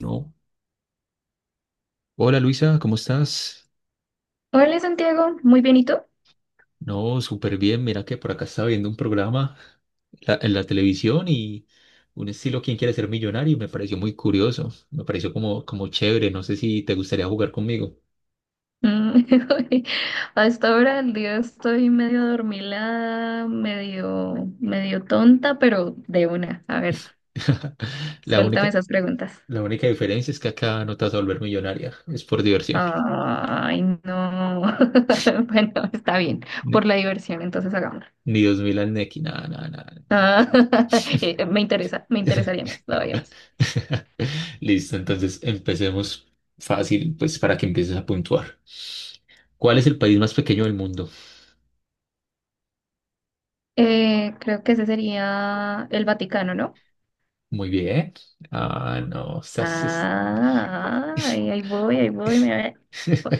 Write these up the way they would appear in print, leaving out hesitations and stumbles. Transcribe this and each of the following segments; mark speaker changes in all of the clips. Speaker 1: No. Hola Luisa, ¿cómo estás?
Speaker 2: Hola Santiago, muy bien, ¿y tú?
Speaker 1: No, súper bien. Mira que por acá estaba viendo un programa en la televisión y un estilo ¿Quién quiere ser millonario? Y me pareció muy curioso. Me pareció como chévere. No sé si te gustaría jugar conmigo.
Speaker 2: Mm, hasta ahora el día estoy medio adormilada, medio tonta, pero de una. A ver,
Speaker 1: La
Speaker 2: suéltame
Speaker 1: única,
Speaker 2: esas preguntas.
Speaker 1: la única diferencia es que acá no te vas a volver millonaria. Es por diversión.
Speaker 2: Ay, no. Bueno, está bien, por
Speaker 1: Ni,
Speaker 2: la diversión, entonces hagámoslo.
Speaker 1: ni dos mil al Nequi, nada, nada, nada.
Speaker 2: Ah, me interesaría más, todavía más.
Speaker 1: Listo, entonces empecemos fácil, pues para que empieces a puntuar. ¿Cuál es el país más pequeño del mundo?
Speaker 2: Creo que ese sería el Vaticano, ¿no?
Speaker 1: Muy bien. Ah, no, estás...
Speaker 2: Ah, ahí voy, me ve.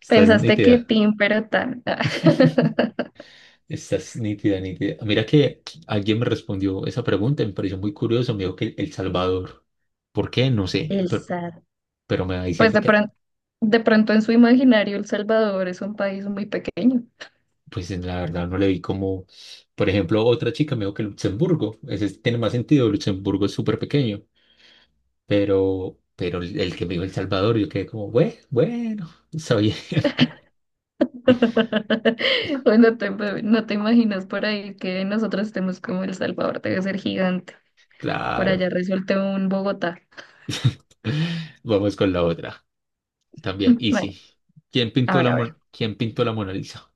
Speaker 1: Estás
Speaker 2: Pensaste que
Speaker 1: nítida.
Speaker 2: Tim, pero tan.
Speaker 1: Estás nítida, nítida. Mira que alguien me respondió esa pregunta, me pareció muy curioso, me dijo que El Salvador. ¿Por qué? No sé,
Speaker 2: El SAT.
Speaker 1: pero me va
Speaker 2: Pues
Speaker 1: diciendo
Speaker 2: de
Speaker 1: que,
Speaker 2: pronto, de pronto en su imaginario El Salvador es un país muy pequeño.
Speaker 1: pues en la verdad no le vi como, por ejemplo, otra chica me dijo que Luxemburgo, ese tiene más sentido, Luxemburgo es súper pequeño, pero el que me dijo El Salvador, yo quedé como, bueno, bueno, está bien,
Speaker 2: O no te imaginas por ahí que nosotros estemos como El Salvador, debe ser gigante. Por
Speaker 1: claro.
Speaker 2: allá resulta un Bogotá.
Speaker 1: Vamos con la otra. También
Speaker 2: Bueno,
Speaker 1: Easy.
Speaker 2: a ver, a ver.
Speaker 1: ¿Quién pintó la Mona Lisa?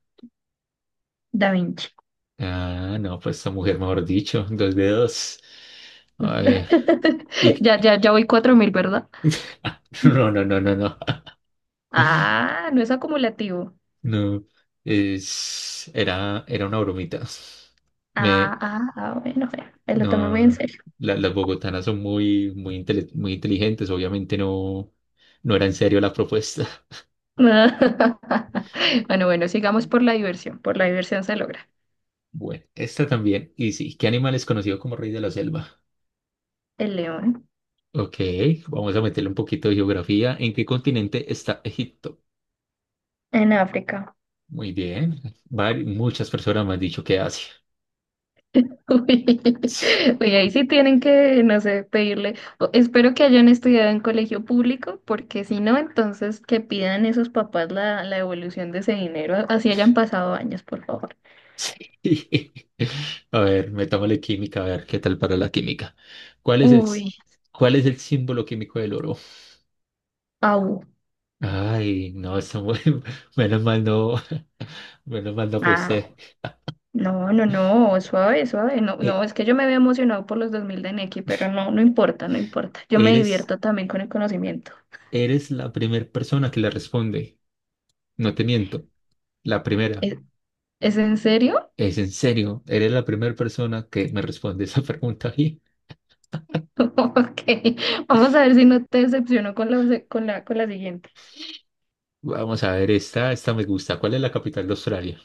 Speaker 2: Da Vinci.
Speaker 1: Ah, no, pues esa mujer, mejor dicho, dos dedos. A ver. Y...
Speaker 2: Ya, ya, ya voy 4.000, ¿verdad?
Speaker 1: no.
Speaker 2: Ah, no es acumulativo.
Speaker 1: No. Es... era una bromita.
Speaker 2: Ah,
Speaker 1: Me...
Speaker 2: ah, ah, bueno, bueno, me lo tomé
Speaker 1: No,
Speaker 2: muy en
Speaker 1: no.
Speaker 2: serio.
Speaker 1: Las bogotanas son muy, muy inteligentes. Obviamente no era en serio la propuesta.
Speaker 2: Bueno, bueno, sigamos por la diversión. Por la diversión se logra.
Speaker 1: Bueno, esta también. Y sí, ¿qué animal es conocido como rey de la selva?
Speaker 2: El león
Speaker 1: Ok, vamos a meterle un poquito de geografía. ¿En qué continente está Egipto?
Speaker 2: en África.
Speaker 1: Muy bien. Muchas personas me han dicho que Asia.
Speaker 2: Uy,
Speaker 1: Sí.
Speaker 2: uy, ahí sí tienen que, no sé, pedirle. Espero que hayan estudiado en colegio público, porque si no, entonces que pidan esos papás la devolución de ese dinero, así hayan pasado años, por favor.
Speaker 1: Sí. A ver, metámosle química, a ver qué tal para la química. ¿Cuál es el, s-
Speaker 2: Uy,
Speaker 1: ¿cuál es el símbolo químico del oro?
Speaker 2: au,
Speaker 1: Ay, no, está muy... Menos mal no, menos mal no
Speaker 2: ah,
Speaker 1: posee.
Speaker 2: no, no, no, suave, suave. No, no, es
Speaker 1: E-
Speaker 2: que yo me había emocionado por los 2.000 de Nequi, pero no, no importa, no importa. Yo me
Speaker 1: eres,
Speaker 2: divierto también con el conocimiento.
Speaker 1: eres la primera persona que le responde. No te miento, la primera.
Speaker 2: Eh, ¿Es en serio?
Speaker 1: Es en serio, eres la primera persona que me responde esa pregunta y
Speaker 2: Ok, vamos a ver si no te decepciono con la siguiente.
Speaker 1: vamos a ver, esta me gusta. ¿Cuál es la capital de Australia?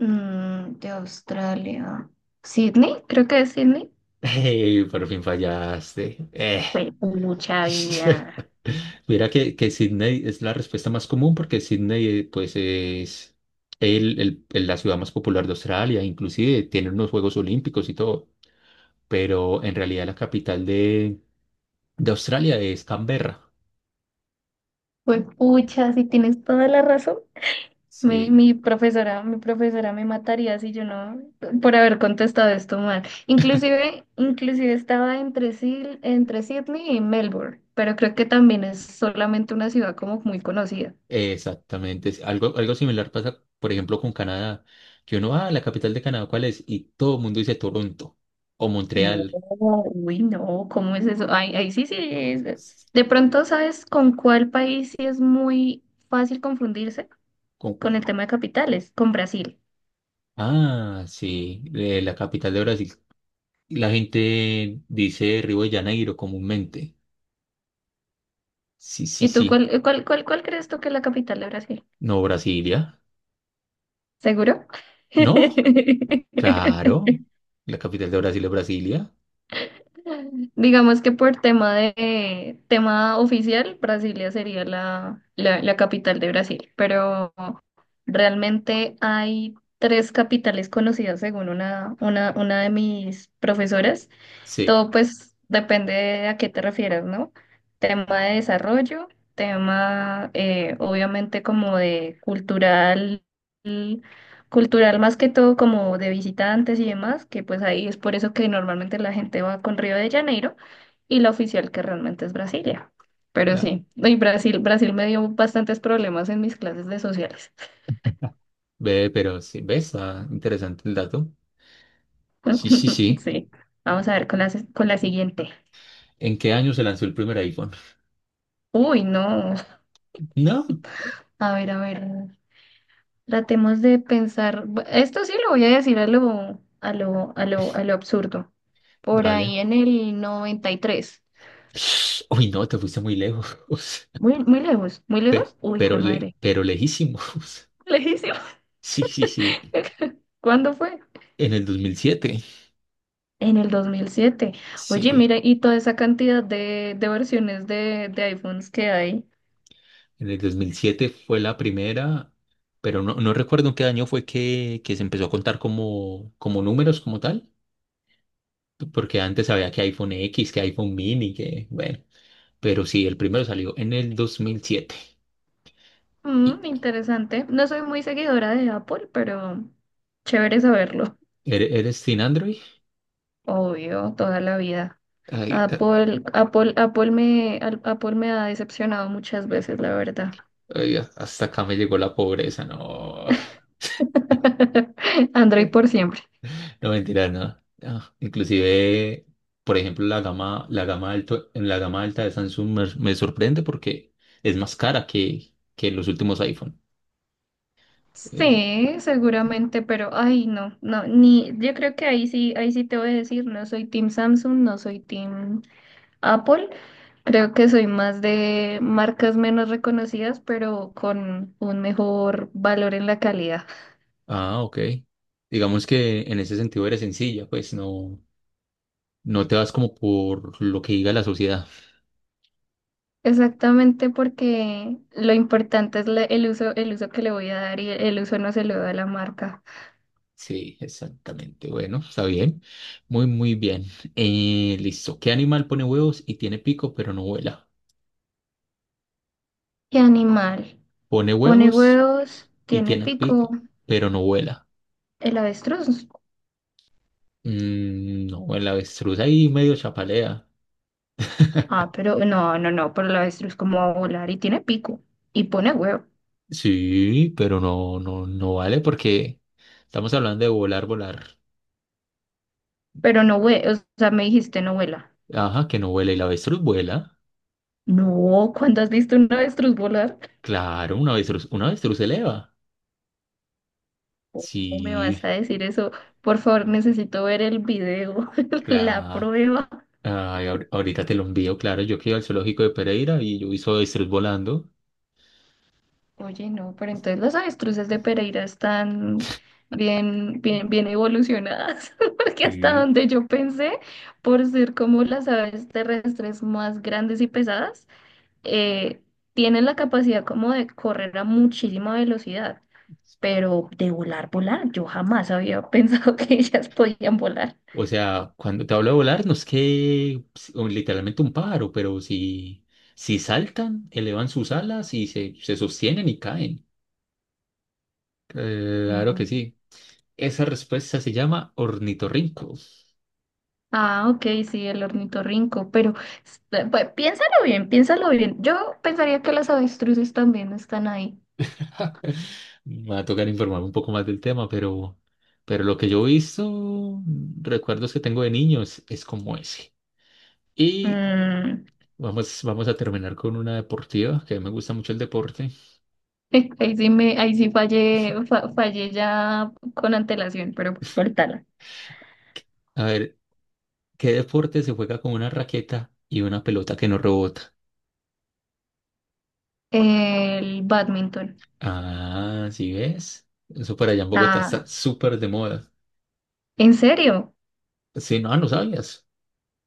Speaker 2: Mm, de Australia. ¿Sydney? Creo que es Sydney.
Speaker 1: Ey, por fin fallaste.
Speaker 2: Fue mucha vida.
Speaker 1: Mira que Sydney es la respuesta más común porque Sydney pues es la ciudad más popular de Australia, inclusive tiene unos Juegos Olímpicos y todo, pero en realidad la capital de Australia es Canberra.
Speaker 2: Fue pucha, si tienes toda la razón. Mi,
Speaker 1: Sí,
Speaker 2: mi profesora, mi profesora me mataría si yo no, por haber contestado esto mal. Inclusive estaba entre Sydney y Melbourne, pero creo que también es solamente una ciudad como muy conocida.
Speaker 1: exactamente. Es algo similar pasa, por ejemplo, con Canadá, que uno, ah, la capital de Canadá, ¿cuál es? Y todo el mundo dice Toronto o
Speaker 2: No,
Speaker 1: Montreal.
Speaker 2: uy, no, ¿cómo es eso? Ay, ahí sí, sí.
Speaker 1: S-
Speaker 2: De pronto, ¿sabes con cuál país sí es muy fácil confundirse
Speaker 1: ¿Con
Speaker 2: con
Speaker 1: cuál?
Speaker 2: el tema de capitales? Con Brasil.
Speaker 1: Ah, sí, la capital de Brasil. La gente dice Río de Janeiro comúnmente. Sí, sí,
Speaker 2: ¿Y tú
Speaker 1: sí.
Speaker 2: cuál crees tú que es la capital de Brasil?
Speaker 1: No, Brasilia.
Speaker 2: ¿Seguro?
Speaker 1: No, claro. La capital de Brasil es Brasilia.
Speaker 2: Digamos que por tema oficial, Brasilia sería la capital de Brasil, pero realmente hay tres capitales conocidas según una de mis profesoras.
Speaker 1: Sí,
Speaker 2: Todo pues depende de a qué te refieras, ¿no? Tema de desarrollo, tema obviamente como de cultural, cultural más que todo como de visitantes y demás, que pues ahí es por eso que normalmente la gente va con Río de Janeiro y la oficial que realmente es Brasilia. Pero
Speaker 1: la
Speaker 2: sí, y Brasil, Brasil me dio bastantes problemas en mis clases de sociales.
Speaker 1: ve, pero sí, ves, ah, interesante el dato. Sí, sí, sí.
Speaker 2: Sí, vamos a ver con la siguiente.
Speaker 1: ¿En qué año se lanzó el primer iPhone?
Speaker 2: Uy, no.
Speaker 1: No.
Speaker 2: A ver, a ver. Tratemos de pensar, esto sí lo voy a decir a lo absurdo. Por
Speaker 1: Dale.
Speaker 2: ahí en el 93,
Speaker 1: Uy, no, te fuiste muy lejos.
Speaker 2: muy, muy lejos, muy lejos. Uy, fue madre.
Speaker 1: Pero lejísimos.
Speaker 2: Lejísimo.
Speaker 1: Sí, sí, sí.
Speaker 2: ¿Cuándo fue?
Speaker 1: En el dos mil siete.
Speaker 2: En el 2007. Oye,
Speaker 1: Sí.
Speaker 2: mira, y toda esa cantidad de versiones de iPhones que hay.
Speaker 1: En el dos mil siete fue la primera, pero no, no recuerdo en qué año fue que se empezó a contar como, como números, como tal. Porque antes había que iPhone X, que iPhone Mini, que bueno. Pero sí, el primero salió en el 2007. ¿Y
Speaker 2: Mm, interesante. No soy muy seguidora de Apple, pero chévere saberlo.
Speaker 1: ¿Eres, eres sin Android?
Speaker 2: Obvio, toda la vida.
Speaker 1: Ay, ah,
Speaker 2: Apple me ha decepcionado muchas veces, la verdad.
Speaker 1: ay, hasta acá me llegó la pobreza, no.
Speaker 2: Android por siempre.
Speaker 1: No, mentira, no. Ah, inclusive, por ejemplo, la gama alto, en la gama alta de Samsung me sorprende porque es más cara que los últimos iPhone. Es-
Speaker 2: Sí, seguramente, pero ay, no, no, ni, yo creo que ahí sí te voy a decir, no soy Team Samsung, no soy Team Apple, creo que soy más de marcas menos reconocidas, pero con un mejor valor en la calidad.
Speaker 1: ah, ok. Digamos que en ese sentido eres sencilla, pues no te vas como por lo que diga la sociedad.
Speaker 2: Exactamente porque lo importante es el uso, el uso que le voy a dar y el uso no se lo da la marca.
Speaker 1: Sí, exactamente. Bueno, está bien. Muy, muy bien. Listo. ¿Qué animal pone huevos y tiene pico pero no vuela?
Speaker 2: ¿Qué animal?
Speaker 1: Pone
Speaker 2: Pone
Speaker 1: huevos
Speaker 2: huevos,
Speaker 1: y
Speaker 2: tiene
Speaker 1: tiene
Speaker 2: pico,
Speaker 1: pico pero no vuela.
Speaker 2: el avestruz.
Speaker 1: Mm, no, el avestruz ahí medio chapalea.
Speaker 2: Ah, pero no, no, no, pero el avestruz como va a volar y tiene pico y pone huevo,
Speaker 1: Sí, pero no vale porque estamos hablando de volar, volar.
Speaker 2: pero no hue, o sea, me dijiste no vuela.
Speaker 1: Ajá, que no vuela y la avestruz vuela.
Speaker 2: No, ¿cuándo has visto un avestruz volar?
Speaker 1: Claro, una avestruz se eleva.
Speaker 2: ¿Cómo me vas
Speaker 1: Sí,
Speaker 2: a decir eso? Por favor, necesito ver el video, la
Speaker 1: claro.
Speaker 2: prueba.
Speaker 1: Ay, ahorita te lo envío, claro. Yo que iba al zoológico de Pereira y yo vi hice avestruz volando.
Speaker 2: Oye, no, pero entonces las avestruces de Pereira están bien, bien, bien evolucionadas, porque hasta
Speaker 1: Sí.
Speaker 2: donde yo pensé, por ser como las aves terrestres más grandes y pesadas, eh, tienen la capacidad como de correr a muchísima velocidad, pero de volar, volar, yo jamás había pensado que ellas podían volar.
Speaker 1: O sea, cuando te hablo de volar, no es que o literalmente un pájaro, pero si saltan, elevan sus alas y se sostienen y caen. Claro que
Speaker 2: Mm.
Speaker 1: sí. Esa respuesta se llama ornitorrinco.
Speaker 2: Ah, ok, sí, el ornitorrinco, pero pues, piénsalo bien, piénsalo bien. Yo pensaría que las avestruces también están ahí.
Speaker 1: Me va a tocar informarme un poco más del tema, pero lo que yo he visto, recuerdos que tengo de niños, es como ese. Y
Speaker 2: Mm,
Speaker 1: vamos a terminar con una deportiva, que me gusta mucho el deporte.
Speaker 2: ahí sí fallé ya con antelación, pero pues cortala.
Speaker 1: A ver, ¿qué deporte se juega con una raqueta y una pelota que no rebota?
Speaker 2: El badminton.
Speaker 1: Ah, ¿sí ves? Eso para allá en Bogotá
Speaker 2: Ah,
Speaker 1: está súper de moda.
Speaker 2: ¿en serio?
Speaker 1: Sí, no, no sabías.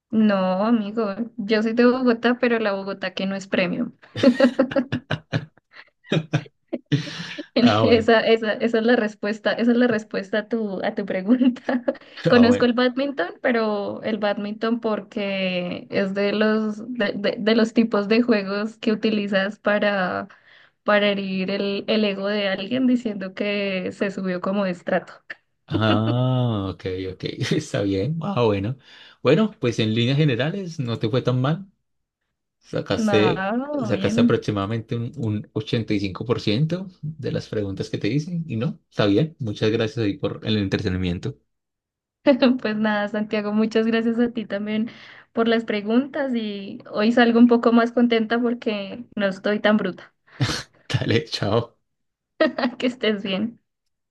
Speaker 2: No, amigo, yo soy de Bogotá, pero la Bogotá que no es premium.
Speaker 1: Ah, bueno,
Speaker 2: Esa es la respuesta, esa es la respuesta a tu pregunta.
Speaker 1: ah,
Speaker 2: Conozco
Speaker 1: bueno.
Speaker 2: el badminton, pero el badminton porque es de los tipos de juegos que utilizas para herir el ego de alguien diciendo que se subió como de estrato.
Speaker 1: Ah, ok, ok, está bien. Ah, bueno. Bueno, pues en líneas generales no te fue tan mal. Sacaste,
Speaker 2: Nada,
Speaker 1: sacaste
Speaker 2: bien.
Speaker 1: aproximadamente un 85% de las preguntas que te hice y no, está bien. Muchas gracias ahí por el entretenimiento.
Speaker 2: Pues nada, Santiago, muchas gracias a ti también por las preguntas y hoy salgo un poco más contenta porque no estoy tan bruta.
Speaker 1: Dale, chao.
Speaker 2: Que estés bien.